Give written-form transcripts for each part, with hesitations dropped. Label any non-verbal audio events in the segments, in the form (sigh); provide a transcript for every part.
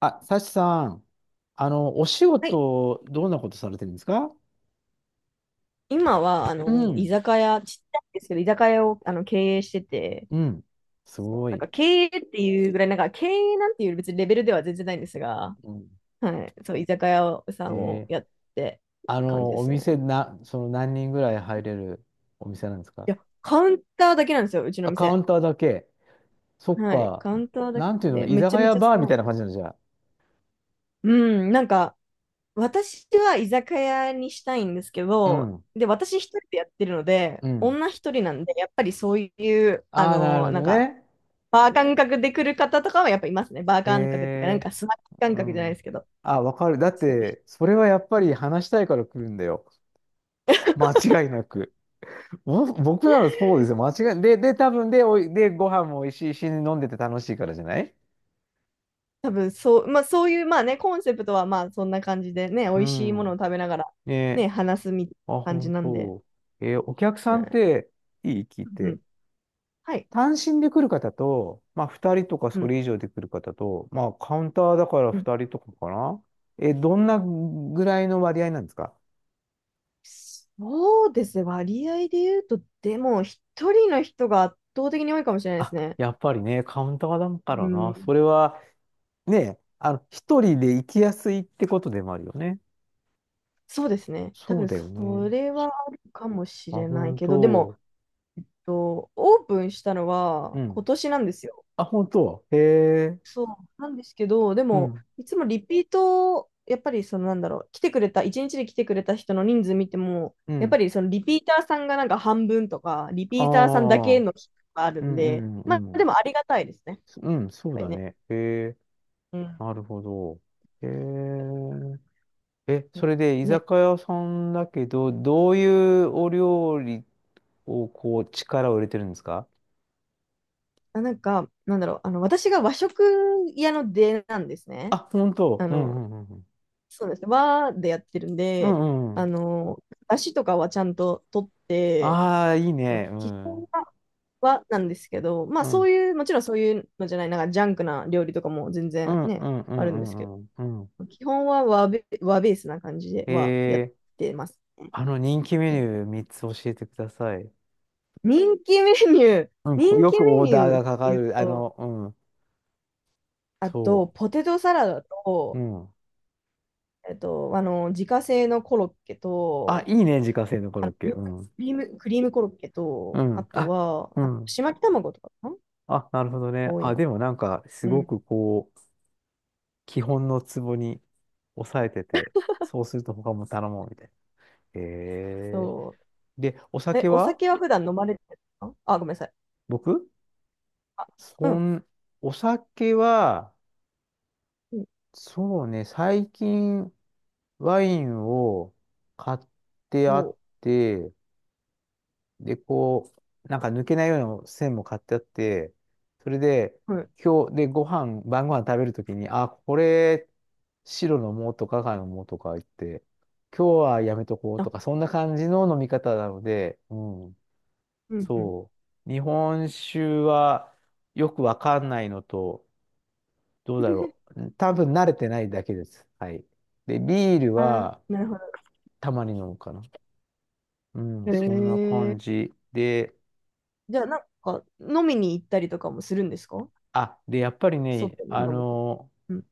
あ、サチさん、お仕はい、事、どんなことされてるんですか？今は、う居ん、酒屋、ちっちゃいんですけど、居酒屋を経営してて、うん、すそう、ごなんかい。経営っていうぐらい、なんか経営なんていう別にレベルでは全然ないんですが、うん、はい、そう、居酒屋さえんをーやってる感じでおすね。店な、その何人ぐらい入れるお店なんですか？いや、カウンターだけなんですよ、うちのあ、カウ店。ンターだけ。そっはい、か。カウンターだけなんてないんうの、で、居めち酒ゃめ屋ちゃバーみ狭たいい。な感じなんじゃあ。うん、なんか、私は居酒屋にしたいんですけうど、ん、で、私一人でやってるので、うん。女一人なんで、やっぱりそういう、ああ、なるほなんどか、ね。バー感覚で来る方とかはやっぱいますね。バーへ、感覚っていうか、なんえ、かスナック感う覚じゃないでん。すけど。あ、わかる。だっちょっと て、それはやっぱり話したいから来るんだよ。間違いなく。僕ならそうです (laughs) よ。間違い。で、多分で、で、ご飯も美味しいし、飲んでて楽しいからじゃない？多分そう、まあそういう、まあね、コンセプトはまあそんな感じでね、美う味しいものをん。食べながらねね、え。話すみたいあ、な感じ本なんで。当。お客はさんっい、て、いい聞いうて。ん。はい。単身で来る方と、まあ、2人とかうそん。れ以上で来る方と、まあ、カウンターだからうん。2人とかかな。どんなぐらいの割合なんですか？そうですね。割合で言うと、でも一人の人が圧倒的に多いかもしれないであ、すね。やっぱりね、カウンターだかうらな。そん、れは、ね、一人で行きやすいってことでもあるよね。そうですね。多そう分だよそね。れはあるかもしあ、れない本けど、でも、当。オープンしたのはう今ん。年なんですよ。あ、本当。へえ。そうなんですけど、でうも、ん。いつもリピート、やっぱりそのなんだろう、来てくれた、一日で来てくれた人の人数見ても、うやっぱん。りそのリピーターさんがなんか半分とか、リあピーターさんだけあ。の人があるうんんうで、んうまんうあでん。もありがたいですね、やっうん、そうぱりだね。ね。へえ。うん。なるほど。へえ。え、それで居ね、酒屋さんだけど、どういうお料理をこう力を入れてるんですか？なんか、なんだろう、私が和食屋の出なんですあ、ね。本当。あうんうの、んうんうん。そうですね、和でやってるんうで、んうあん。の、出汁とかはちゃんと取って、ああ、いいそう、ね。う基ん。本は、はなんですけど、まあうそん。ういう、もちろんそういうのじゃない、なんかジャンクな料理とかも全う然んうね、んうあるんうんですけんうんうん。ど、基本は和ベースな感じでへはやっえ。てます。人気メはニュい、ー3つ教えてください。人気メニュー、うん、こう、人よ気くメオーニダーューっがかかていうる。と、うん。あそと、ポテトサラダう。うと、ん。自家製のコロッケあ、と、いいね、自家製のコあロッの、クケ。リクうん。クリームコロッケうと、あん。とあ、は、うあん。ちまき卵とかかな、あ、なるほどね。多いあ、な。でもなんか、すうごん。くこう、基本のツボに抑えてて、そうすると他も頼もうみたいな。へえ。そう。で、おえ、酒おは酒は普段飲まれてるの、あ、ごめんなさい。僕あ、うそん。ん、お酒は、うん、そうね、最近ワインを買ってあおっう、て、で、こう、なんか抜けないような線も買ってあって、それで、はい。今日、で、ご飯、晩ご飯食べるときに、あ、これ、白の藻とか赤の藻とか言って、今日はやめとこうとあ、か、そんな感じの飲み方なので、うん、うん、うん。そう。日本酒はよくわかんないのと、どうだろ (laughs) う。多分慣れてないだけです。はい。で、ビールあー、はなるほど。たまに飲むかな。うへん、そんなえ。感じで、じゃあ、なんか、飲みに行ったりとかもするんですか？あ、で、やっぱりね、外に飲むに、うん。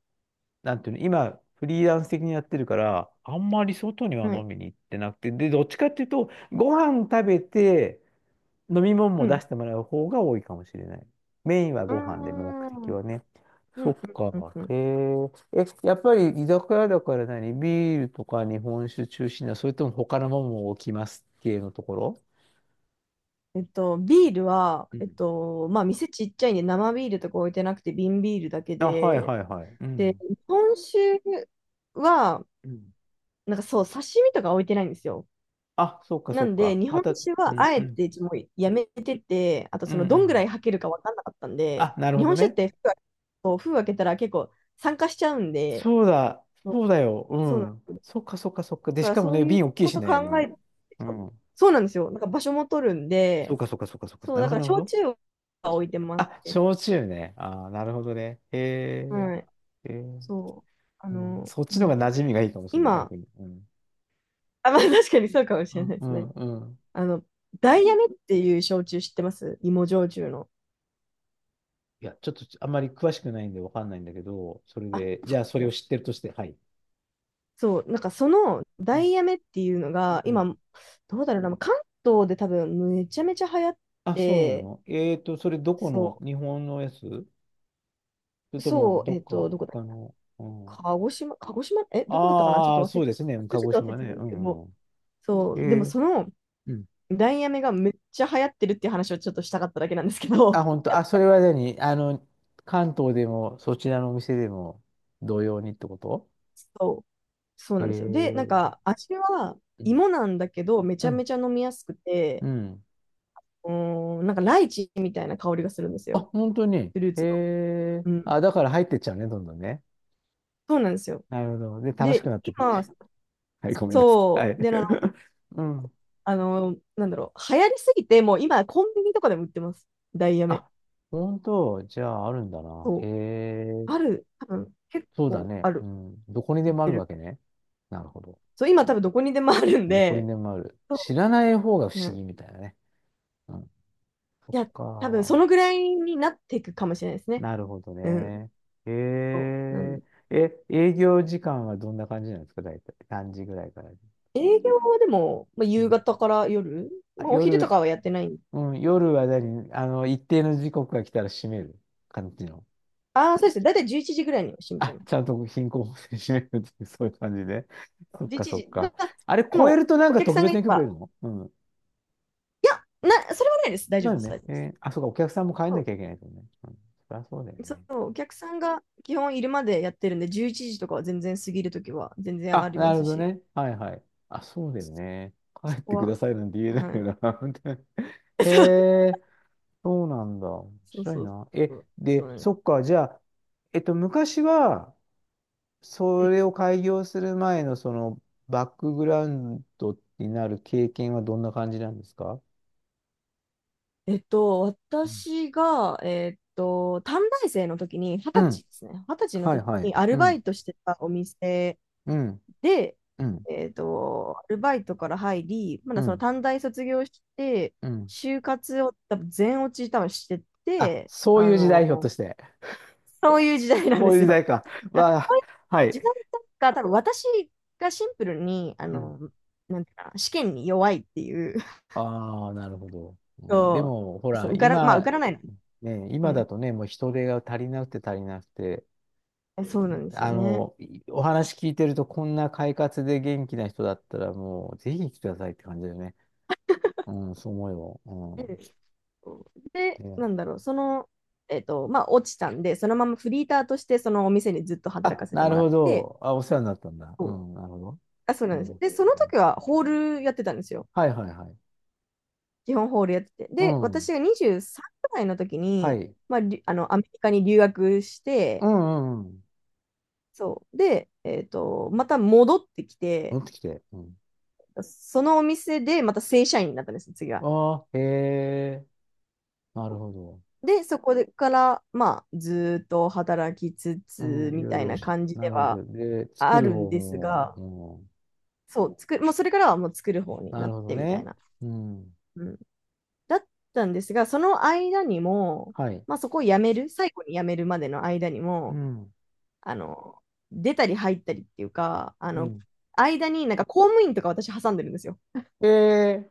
なんていうの、今、フリーランス的にやってるから、あんまり外にはは飲い。みに行ってなくて、で、どっちかっていうと、ご飯食べて、飲み物うも出ん。してもらう方が多いかもしれない。メインはうーご飯で、目的ん。うん、はね。うそっん、か。うん。うん。へえ。え、やっぱり居酒屋だから何ビールとか日本酒中心な、それとも他のものも置きます系のところ？ビールは、うん。まあ、店ちっちゃいんで、生ビールとか置いてなくて、瓶ビールだけあ、はいで、はいはい。うで、ん。日本酒は、うん。なんかそう、刺身とか置いてないんですよ。あ、そっかなそっんで、か。日ま本た、酒うはんあうえん。てもうやめてて、あとうんそうのどんぐらいん。吐けるか分かんなかったんで、あ、なるほ日ど本酒っね。て封開けたら結構酸化しちゃうんで、そうだ、そう、そうだよ。うそうなん。んそっかそっかそっか。だで、かしらかもそうね、いう瓶大きいこしとね。考うえん。て、うん。そうなんですよ。なんか場所も取るんそうで、かそっかそっかそっか。そう、なるだかほらど、なる焼ほど。酎は置いてますあ、ね。焼酎ね。ああなるほどね。へはい。え。へーそう。うん、そっちなんのだ方ろが馴う。染みがいいかもしれない、今、逆に。うん。あ、まあ確かにそうかもしうれなんいでうすね。んうん。あの、ダイヤメっていう焼酎知ってます？芋焼酎の。いや、ちょっとあんまり詳しくないんでわかんないんだけど、それあ、そうで、でじゃあそすれをね、知ってるとして、はい。そう、なんかそのうダんイヤメっていうのが、うん。今、どうだろうな、関東で多分めちゃめちゃ流行っあ、そうなて、の？それどこその、日本のやつそれう、とそもう、どっかどこだっ他け、の、うん。鹿児島、鹿児島、え、どこだったかな、ああ、そちうょですね。っと忘れ鹿ちゃっ児たん島ね。でうすけど、んうんうん。そう、でもえー、そのうん。ダイヤメがめっちゃ流行ってるっていう話をちょっとしたかっただけなんですけあ、ど、本当。あ、それは何関東でも、そちらのお店でも、同様にってこと？ (laughs) そう、そうえなんですよ。で、なんー、か味はうん。芋なんだけど、めちうゃめん。ちゃ飲みやすくうて、ん。うーん、なんかライチみたいな香りがするんですあ、よ、本当に。フルーツの。うん、あ、だから入ってっちゃうね、どんどんね。そうなんですよ。なるほど。で、楽しで、くなってくる。今、(laughs) はい、ごめんなさい。はそう、い。で、あの、(laughs) うん。あの、なんだろう、流行りすぎて、もう今、コンビニとかでも売ってます。ダイヤメ。あ、本当。じゃあ、あるんだな。へそう。えある、多分、結そうだ構ね。あうる。ん。どこに売でっもあてるわる。けね。なるほど。そう、今、多分、どこにでもあるんどこにで、でもある。そ知らない方がう、不う思ん。議みたいなね。うん。そっいや、多分、か。そのぐらいになっていくかもしれないですね。なるほどうん。ね。えそう。なんー、で、え、営業時間はどんな感じなんですか、大体。何時ぐらいからで。営業はでも、まあ、う夕ん。方から夜、あ、まあ、お昼と夜、かはやってない。うん、夜は何一定の時刻が来たら閉める感じの。ああ、そうですね。だいたい11時ぐらいには閉めちゃいあ、ます。ちゃんと貧困法制閉めるっていう、そういう感じで。そっ11か、そっ時。か。あれ、で超えも、るとなんおか客特さんが別いなれ許可いば、るの？うん。いや、な、それはないです。大丈な夫でるす。ね。大丈夫えです。ーあ、そうか、お客さんも帰んなそきゃいけないとね。うん。そりゃそうだよう、そね。う、お客さんが基本いるまでやってるんで、11時とかは全然過ぎるときは全然ああ、りまなるすほどし、ね。はいはい。あ、そうだよね。帰そっこてくは、ださいなんて言えないはい。よな。(laughs) 本当に。 (laughs) へ (laughs) え、そうなんだ。面そう白いそうな。そえ、う、そうで、なんです、そっか、じゃあ、昔は、うそん、れを開業する前の、その、バックグラウンドになる経験はどんな感じなんですか？うん私が、短大生の時に、二十う歳ん。ですね。二十歳のはい時はい。にアうルバん。イトしてたお店うん。で、うん。アルバイトから入り、まうだそのん。短大卒業して、うん。就活を多分全落ち多分してあ、て、そういう時代、ひょっとして。そういう時代なんこでういうす時よ。代か。(laughs) あ、わそあ、ういうは時い。代だ、多分私がシンプルに、うんなんていうかな、試験に弱いっていう、(laughs) ああ、なるほど。うんでそも、ほう、そら、う、受から、まあ、受今、からないの。ね、う今ん。だとね、もう人手が足りなくて足りなくて、え、そうなんですよね。お話聞いてると、こんな快活で元気な人だったら、もう、ぜひ来てくださいって感じだよね。うん、そう思ううよ。ん、で、うん。ね、なんだろう、その、まあ、落ちたんで、そのままフリーターとして、そのお店にずっと働あ、かせてなもるらっほて、ど。あ、お世話になったんだ。うそう、ん、なるほど。あ、そううなんでん。す。で、そのうん時はホールやってたんですよ。はいはいはい。基本ホールやってて。うで、ん。私が23くらいの時はに、い。まあ、りあの、アメリカに留学しうて、んうんうん。そう。で、また戻ってきて、戻ってきて。うん。そのお店でまた正社員になったんですよ、次は。ああ、へえ。なるほど。で、そこでから、まあ、ずーっと働きつうつ、ん、いみろいたいろなし感じなでるんはで、で、作あるるん方ですが、も、そう、作る、もうそれからはもう作る方うにん、ななるっほどてみたいね。な。うん。うん。だったんですが、その間にも、はい。まあそこを辞める、最後に辞めるまでの間にうも、ん。あの、出たり入ったりっていうか、うん。間になんか公務員とか私挟んでるんですよ。で、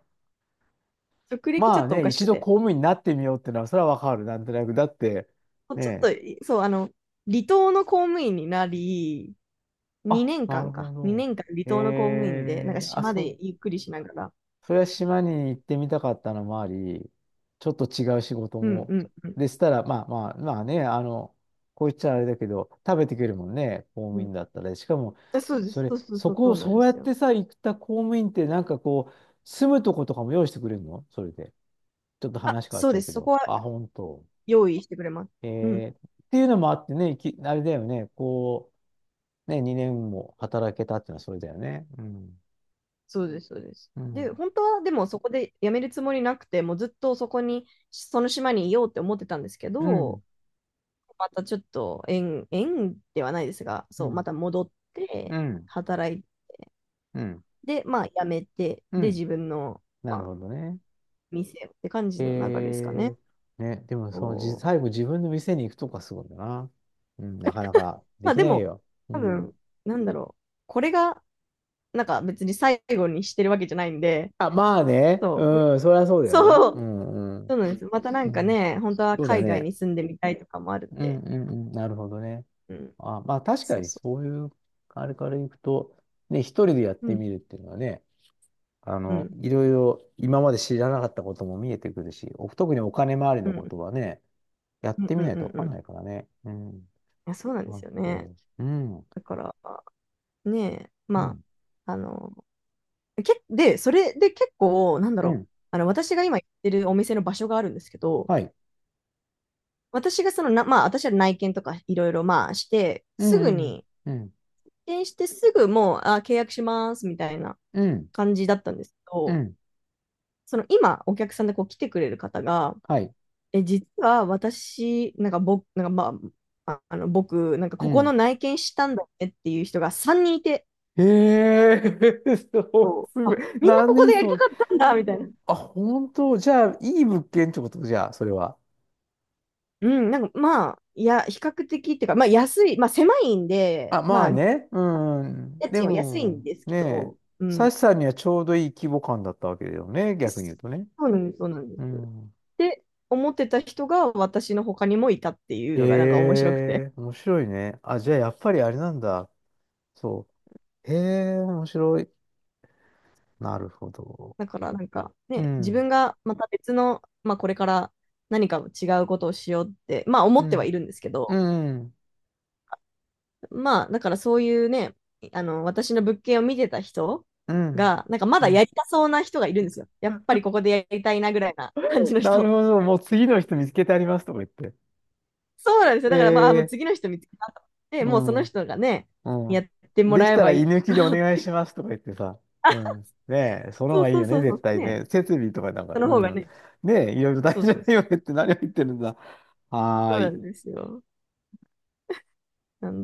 職歴ちまょあっとおね、かし一く度て。公務員になってみようってのは、それはわかる。なんとなく。だって、ちょっねえ。と、そう、離島の公務員になり、あ、なるほど。2年間離島の公務員で、なんかあ、島そでう、ゆっくりしながら、それは島に行ってみたかったのもあり、ちょっと違う仕事うんも。うんうんでしたら、まあまあ、まあね、こう言っちゃあれだけど、食べてくれるもんね、公う務ん。員だったら。しかも、あ、そうでそす、れ、そうそうそそう、こそをうなんそでうやすっよ。てさ、行った公務員って、なんかこう、住むとことかも用意してくれるの？それで。ちょっとあ、話変わっそうちゃでうけす、そこど。はあ、本当。用意してくれます。うん、えっていうのもあってね、あれだよね、こう、ね、2年も働けたっていうのはそれだよね。うん。そうです、そうです。うで、ん。本当はでもそこで辞めるつもりなくて、もうずっとそこに、その島にいようって思ってたんですけうど、ん。またちょっと縁ではないですが、うそう、まん。た戻っうてん。働いうん。で、まあ、辞めて、うで、ん。自分の、なまるあ、ほどね。店をって感じの流れですかね。えね、でもそのじ、そう、最後自分の店に行くとかすごいな。うん、なかなかでまあ、きでないも、よ。う多ん。分、なんだろう。これが、なんか別に最後にしてるわけじゃないんで、あ、まあね。そう、うん、そりゃそうだよな。そうう、ん、うん。そうなんです。またなうんかん、ね、本当はそうだ海外ね。に住んでみたいとかもあるんうん、で、うん、うん。なるほどね。うん、あ、まあ確かそうにそそういう、あれから行くと、ね、一人でやっう。うてん、みるっていうのはね、うん、いろいろ今まで知らなかったことも見えてくるし、特にお金回りうのこん、とはね、やっうん、てうみん、うないとん。わうかんん、ないからね。うん。いや、そうなんであすよね。と、うん、うだから、ねえ、まん、あ、で、それで結構、なんだうろう、ん、私が今行ってるお店の場所があるんですけど、はい、私がそのな、まあ、私は内見とかいろいろ、まあ、して、うすぐん、うん、に、うん、内見してすぐもう、あ、契約しますみたいなうん、感じだったんですけうど、んその今、お客さんでこう来てくれる方が、はい、え、実は私、なんか僕、なんかまあ、ああの、僕、なんかうここのん。内見したんだってっていう人が3人いて、へえ。 (laughs) そうそすう、ごい。あ、みんなここ何でやりそたれ。かったんだ、みたいな。あ、本当？じゃあ、いい物件ってことじゃあ、それは。うん、なんかまあ、いや、比較的っていうか、まあ安い、まあ狭いんで、あ、ままああ、ね。うん。うん家で賃は安いんも、ですけねえ、ど、うサん。シさんにはちょうどいい規模感だったわけだよね。逆に言うとね。そうなんです、そうなんでうす。ん。で、思ってた人が私の他にもいたっていうへのがなんか面白くて。え面白いね。あ、じゃあ、やっぱりあれなんだ。そう。へえ面白い。なるほど。だからなんかうね、自ん。分がまた別の、まあこれから何か違うことをしようって、まあ思うってはいん。るんですけど、うん。まあだからそういうね、私の物件を見てた人うん。が、なんかまうだやん。りたそうな人がいるんですよ。やうっぱりんここでやりたいなぐらいな感じのなる人。ほど。もう次の人見つけてありますとか言って。そうなんですよ。だからまあ、もうで次の人見つけたと思って、うもうそん。の人がね、うやん。ってもできらえたらばい居い抜きかでおらっ願いてしか、ますとか言ってさ。うん。ねえ、その方そがういいそうよね、そうそ絶う、対ね、ね。設備とかなんか、その方がうん。ね、ねえ、いろいろ大そう事だそうそよう、ねって何を言ってるんだ。そはうーない。んですよ。なんで